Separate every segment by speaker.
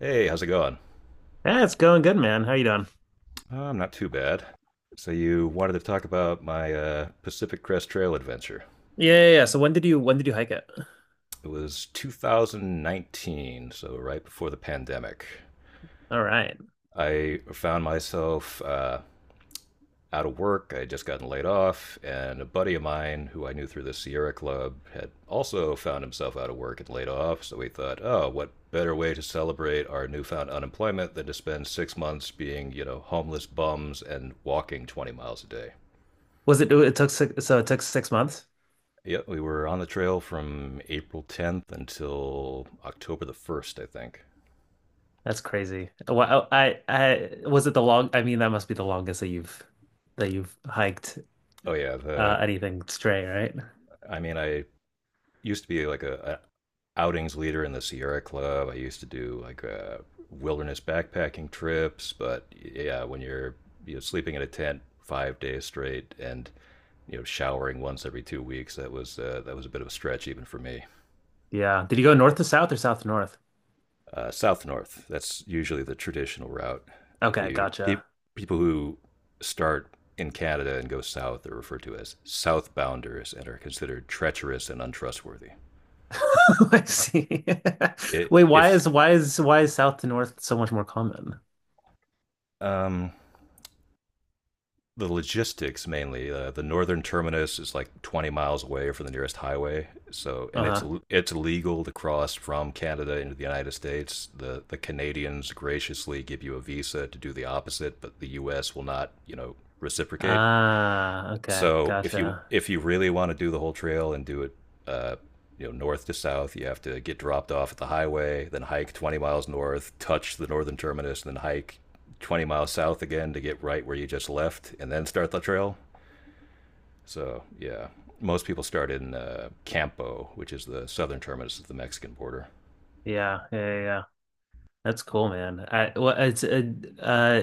Speaker 1: Hey, how's it going?
Speaker 2: Yeah, it's going good, man. How you doing?
Speaker 1: I'm not too bad. So you wanted to talk about my Pacific Crest Trail adventure.
Speaker 2: Yeah, yeah, yeah. So when did you hike it?
Speaker 1: It was 2019, so right before the pandemic.
Speaker 2: All right.
Speaker 1: I found myself out of work. I had just gotten laid off, and a buddy of mine who I knew through the Sierra Club had also found himself out of work and laid off. So we thought, oh, what better way to celebrate our newfound unemployment than to spend 6 months being homeless bums and walking 20 miles a day?
Speaker 2: Was it it took six, so it took 6 months?
Speaker 1: Yeah, we were on the trail from April 10th until October the 1st, I think.
Speaker 2: That's crazy. Well, I was it the long I mean that must be the longest that you've hiked
Speaker 1: Oh yeah, the
Speaker 2: anything straight, right?
Speaker 1: I mean I used to be like a outings leader in the Sierra Club. I used to do like wilderness backpacking trips, but yeah, when you're sleeping in a tent 5 days straight and showering once every 2 weeks, that was a bit of a stretch even for me.
Speaker 2: Yeah. Did you go north to south or south to north?
Speaker 1: South north. That's usually the traditional route.
Speaker 2: Okay,
Speaker 1: You pe-
Speaker 2: gotcha.
Speaker 1: people who start in Canada and go south are referred to as southbounders and are considered treacherous and untrustworthy.
Speaker 2: I see.
Speaker 1: It,
Speaker 2: Wait, why
Speaker 1: if
Speaker 2: is why is why is south to north so much more common?
Speaker 1: um, the logistics mainly, the northern terminus is like 20 miles away from the nearest highway. So, and it's
Speaker 2: Uh-huh.
Speaker 1: it's illegal to cross from Canada into the United States. The Canadians graciously give you a visa to do the opposite, but the U.S. will not reciprocate.
Speaker 2: Ah, okay,
Speaker 1: So if
Speaker 2: gotcha.
Speaker 1: you if you really want to do the whole trail and do it, uh, north to south, you have to get dropped off at the highway, then hike 20 miles north, touch the northern terminus, and then hike 20 miles south again to get right where you just left, and then start the trail. So yeah, most people start in Campo, which is the southern terminus of the Mexican border.
Speaker 2: Yeah, yeah, yeah, yeah. That's cool, man. I, well, it's uh,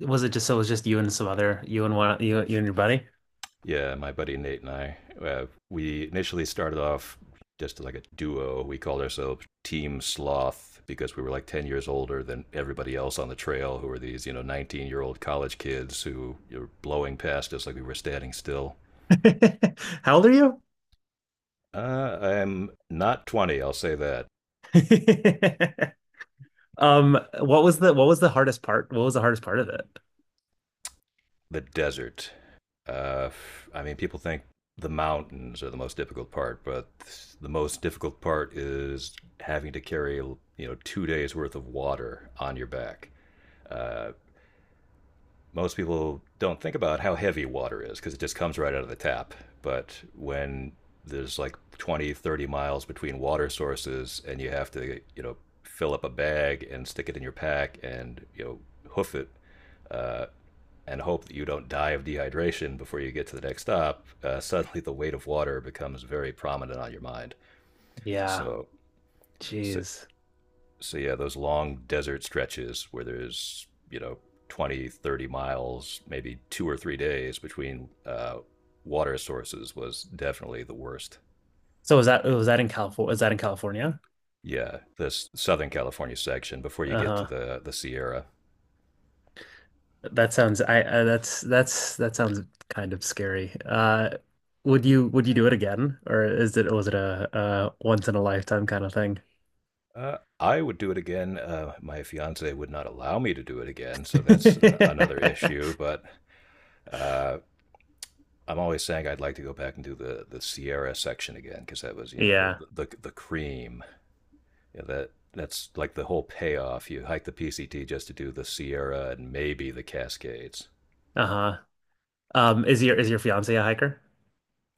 Speaker 2: was it just so it was just you and some other you and one you you and your buddy?
Speaker 1: Yeah, my buddy Nate and I, we initially started off just like a duo. We called ourselves Team Sloth because we were like 10 years older than everybody else on the trail, who were these, 19-year-old college kids who were blowing past us like we were standing still.
Speaker 2: How old are you?
Speaker 1: I'm not 20, I'll say that.
Speaker 2: Um, what was the hardest part? What was the hardest part of it?
Speaker 1: The desert. Uh, I mean, people think the mountains are the most difficult part, but the most difficult part is having to carry, 2 days worth of water on your back. Most people don't think about how heavy water is because it just comes right out of the tap. But when there's like 20, 30 miles between water sources and you have to fill up a bag and stick it in your pack and hoof it uh, and hope that you don't die of dehydration before you get to the next stop, suddenly the weight of water becomes very prominent on your mind.
Speaker 2: Yeah,
Speaker 1: So, so
Speaker 2: jeez.
Speaker 1: so yeah, those long desert stretches where there's, 20, 30 miles, maybe 2 or 3 days between water sources was definitely the worst.
Speaker 2: So was that in California? Was that in California?
Speaker 1: Yeah, this Southern California section before you get to
Speaker 2: Uh-huh.
Speaker 1: the Sierra.
Speaker 2: That sounds I that's that sounds kind of scary. Would you do it again, or is it was it a once in a lifetime kind of thing?
Speaker 1: I would do it again. My fiance would not allow me to do it again, so that's another issue. But uh, I'm always saying I'd like to go back and do the Sierra section again because that was, you know, the,
Speaker 2: Yeah.
Speaker 1: the the cream. Yeah, that's like the whole payoff. You hike the PCT just to do the Sierra and maybe the Cascades.
Speaker 2: Uh-huh. Is your fiance a hiker?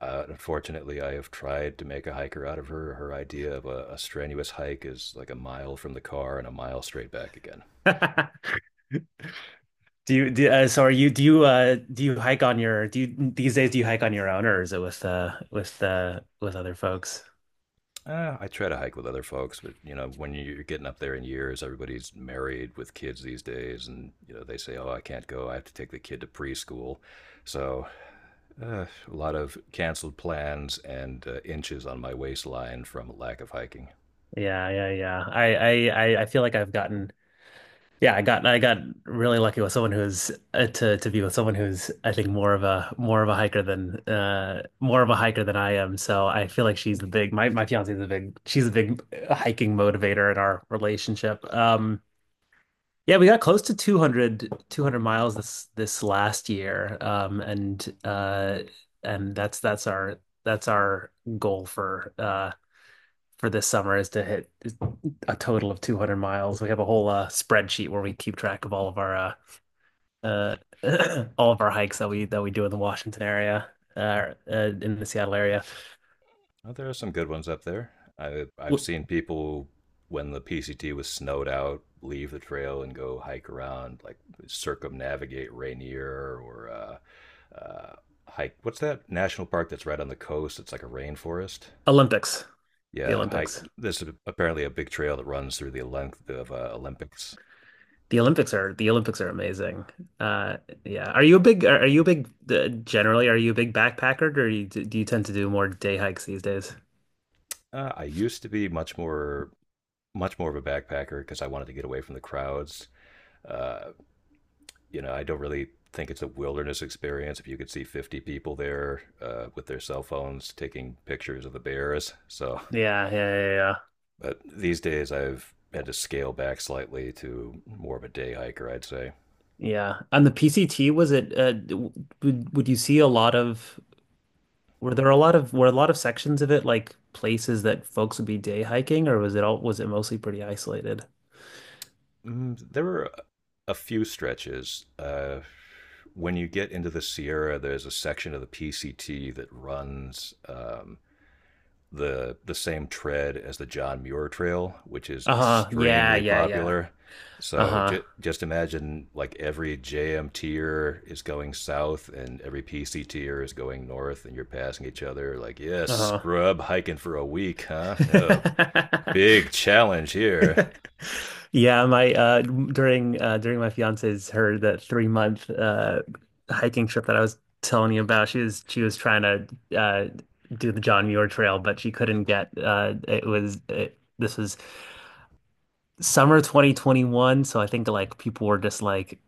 Speaker 1: Unfortunately, I have tried to make a hiker out of her. Her idea of a strenuous hike is like a mile from the car and a mile straight back again.
Speaker 2: Do you do so are you do you do you hike on your do you these days, do you hike on your own, or is it with other folks?
Speaker 1: I try to hike with other folks, but when you're getting up there in years, everybody's married with kids these days, and they say, "Oh, I can't go. I have to take the kid to preschool." So, uh, a lot of canceled plans and inches on my waistline from lack of hiking.
Speaker 2: Yeah, yeah, yeah. I feel like I've gotten Yeah, I got really lucky with someone who's to be with someone who's, I think, more of a hiker than more of a hiker than I am. So I feel like she's the big my my fiance is a big, hiking motivator in our relationship. Yeah, we got close to two hundred miles this this last year. And that's our goal for this summer is to hit a total of 200 miles. We have a whole spreadsheet where we keep track of all of our uh, all of our hikes that we do in the Washington area, in the Seattle area.
Speaker 1: Well, there are some good ones up there. I've seen people when the PCT was snowed out leave the trail and go hike around, like circumnavigate Rainier or hike. What's that national park that's right on the coast? It's like a rainforest.
Speaker 2: Olympics, the
Speaker 1: Yeah, hike.
Speaker 2: Olympics.
Speaker 1: This is apparently a big trail that runs through the length of Olympics.
Speaker 2: The Olympics are amazing. Uh, yeah. Are you a big, generally are you a big backpacker, or do you tend to do more day hikes these days?
Speaker 1: I used to be much more of a backpacker because I wanted to get away from the crowds. Uh, I don't really think it's a wilderness experience if you could see 50 people there with their cell phones taking pictures of the bears. So,
Speaker 2: Yeah, yeah, yeah, yeah.
Speaker 1: but these days I've had to scale back slightly to more of a day hiker, I'd say.
Speaker 2: Yeah. On the PCT, was it w- would you see a lot of, were a lot of sections of it like places that folks would be day hiking, or was it mostly pretty isolated?
Speaker 1: Mm, there were a few stretches. When you get into the Sierra, there's a section of the PCT that runs the same tread as the John Muir Trail, which is
Speaker 2: Uh-huh. Yeah,
Speaker 1: extremely
Speaker 2: yeah, yeah.
Speaker 1: popular. So
Speaker 2: Uh-huh.
Speaker 1: just imagine like every JM tier is going south and every PC tier is going north, and you're passing each other. Like, yes, yeah,
Speaker 2: Uh-huh.
Speaker 1: scrub hiking for a week, huh? Yeah, big challenge here.
Speaker 2: Yeah, my during during my fiance's, her the 3 month hiking trip that I was telling you about, she was trying to do the John Muir Trail, but she couldn't get this was summer 2021, so I think like people were just like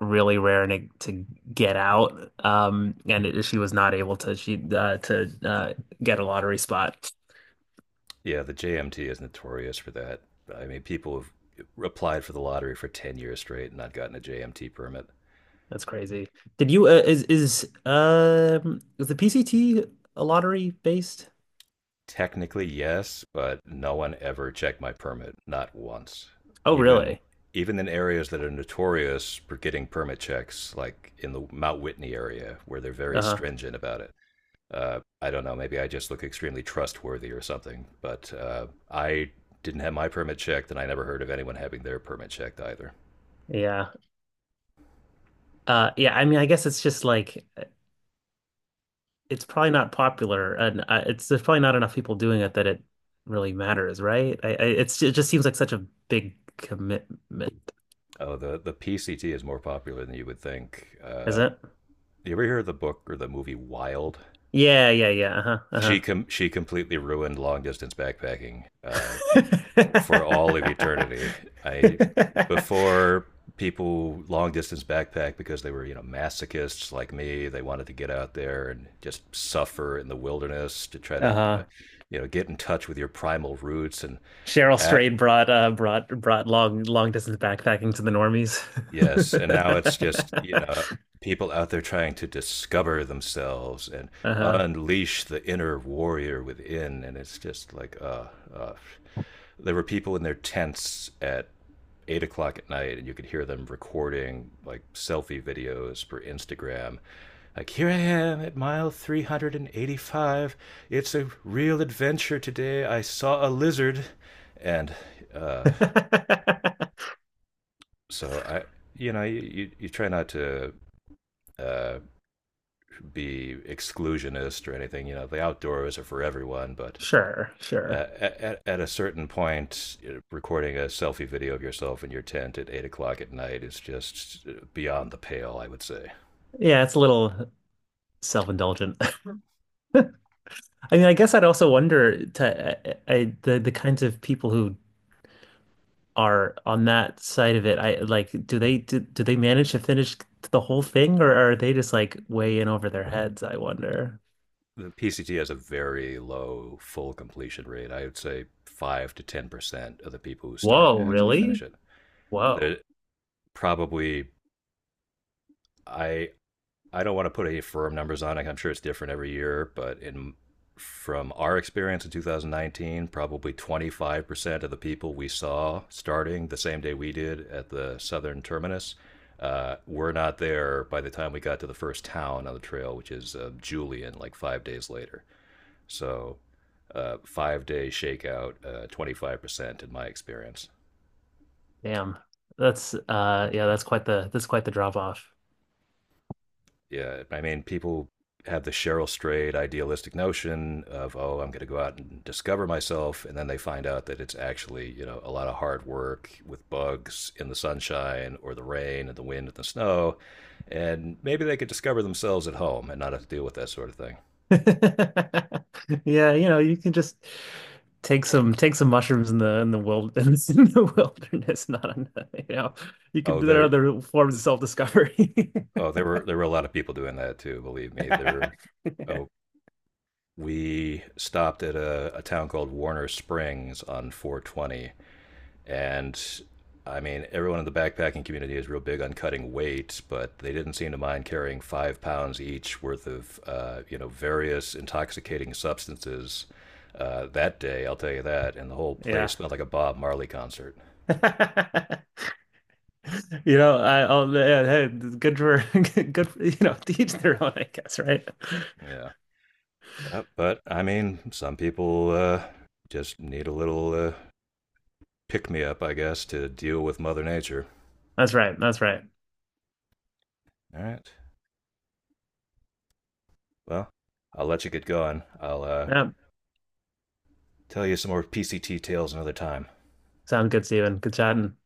Speaker 2: really raring to get out, she was not able to, she to get a lottery spot.
Speaker 1: Yeah, the JMT is notorious for that. I mean, people have applied for the lottery for 10 years straight and not gotten a JMT permit.
Speaker 2: That's crazy. Did you is the PCT a lottery based?
Speaker 1: Technically, yes, but no one ever checked my permit, not once.
Speaker 2: Oh,
Speaker 1: Even
Speaker 2: really?
Speaker 1: even in areas that are notorious for getting permit checks, like in the Mount Whitney area, where they're very
Speaker 2: Uh-huh.
Speaker 1: stringent about it. I don't know, maybe I just look extremely trustworthy or something, but I didn't have my permit checked, and I never heard of anyone having their permit checked either.
Speaker 2: Yeah. Yeah, I mean, I guess it's just like it's probably not popular, and it's there's probably not enough people doing it that it really matters, right? I it's it just seems like such a big commitment,
Speaker 1: Oh, the PCT is more popular than you would think.
Speaker 2: is it?
Speaker 1: You ever hear of the book or the movie Wild?
Speaker 2: Yeah, yeah, yeah.
Speaker 1: She
Speaker 2: Uh-huh.
Speaker 1: com- she completely ruined long distance backpacking for all of
Speaker 2: Uh-huh.
Speaker 1: eternity. I before people long distance backpack because they were masochists like me. They wanted to get out there and just suffer in the wilderness to try to you know
Speaker 2: Uh-huh.
Speaker 1: you know get in touch with your primal roots.
Speaker 2: Cheryl
Speaker 1: A-
Speaker 2: Strayed brought long long distance backpacking to the normies.
Speaker 1: Yes, and now it's just people out there trying to discover themselves and
Speaker 2: Uh-huh.
Speaker 1: unleash the inner warrior within, and it's just like, uh, there were people in their tents at 8 o'clock at night, and you could hear them recording like selfie videos for Instagram. Like, here I am at mile 385. It's a real adventure today. I saw a lizard. And uh, so I, you know, you try not to uh, be exclusionist or anything. The outdoors are for everyone, but
Speaker 2: Sure, sure.
Speaker 1: at a certain point, recording a selfie video of yourself in your tent at 8 o'clock at night is just beyond the pale, I would say.
Speaker 2: Yeah, it's a little self-indulgent. I mean, I guess I'd also wonder to, I the kinds of people who are on that side of it. I like, do they do, do they manage to finish the whole thing, or are they just like way in over their heads, I wonder.
Speaker 1: The PCT has a very low full completion rate. I would say 5 to 10% of the people who start
Speaker 2: Whoa,
Speaker 1: actually finish
Speaker 2: really?
Speaker 1: it. There
Speaker 2: Whoa.
Speaker 1: probably I I don't want to put any firm numbers on it. I'm sure it's different every year, but in from our experience in 2019, probably 25% of the people we saw starting the same day we did at the southern terminus were not there by the time we got to the first town on the trail, which is Julian, like 5 days later. So, 5 day shakeout, 25% in my experience.
Speaker 2: Damn. That's yeah, that's quite the, that's quite the drop off.
Speaker 1: Yeah, I mean, people have the Cheryl Strayed idealistic notion of, oh, I'm going to go out and discover myself, and then they find out that it's actually, a lot of hard work with bugs in the sunshine or the rain and the wind and the snow, and maybe they could discover themselves at home and not have to deal with that sort of thing.
Speaker 2: Yeah, you know, you can just take some mushrooms in the wilderness, in the wilderness, not in the, you know, you could,
Speaker 1: Oh,
Speaker 2: there are
Speaker 1: there,
Speaker 2: other forms of self-discovery.
Speaker 1: oh, there were a lot of people doing that too. Believe me, there. Oh, we stopped at a town called Warner Springs on 420. And I mean, everyone in the backpacking community is real big on cutting weight, but they didn't seem to mind carrying 5 pounds each worth of various intoxicating substances that day. I'll tell you that. And the whole place
Speaker 2: Yeah.
Speaker 1: smelled like a Bob Marley concert.
Speaker 2: You know, I yeah, hey, good for, good for, you know, to each their own, I guess, right?
Speaker 1: Yeah. But I mean, some people just need a little pick me up, I guess, to deal with Mother Nature.
Speaker 2: That's right. That's right.
Speaker 1: All right. Well, I'll let you get going. I'll
Speaker 2: Yeah.
Speaker 1: tell you some more PCT tales another time.
Speaker 2: Sounds good, Steven. Good chatting.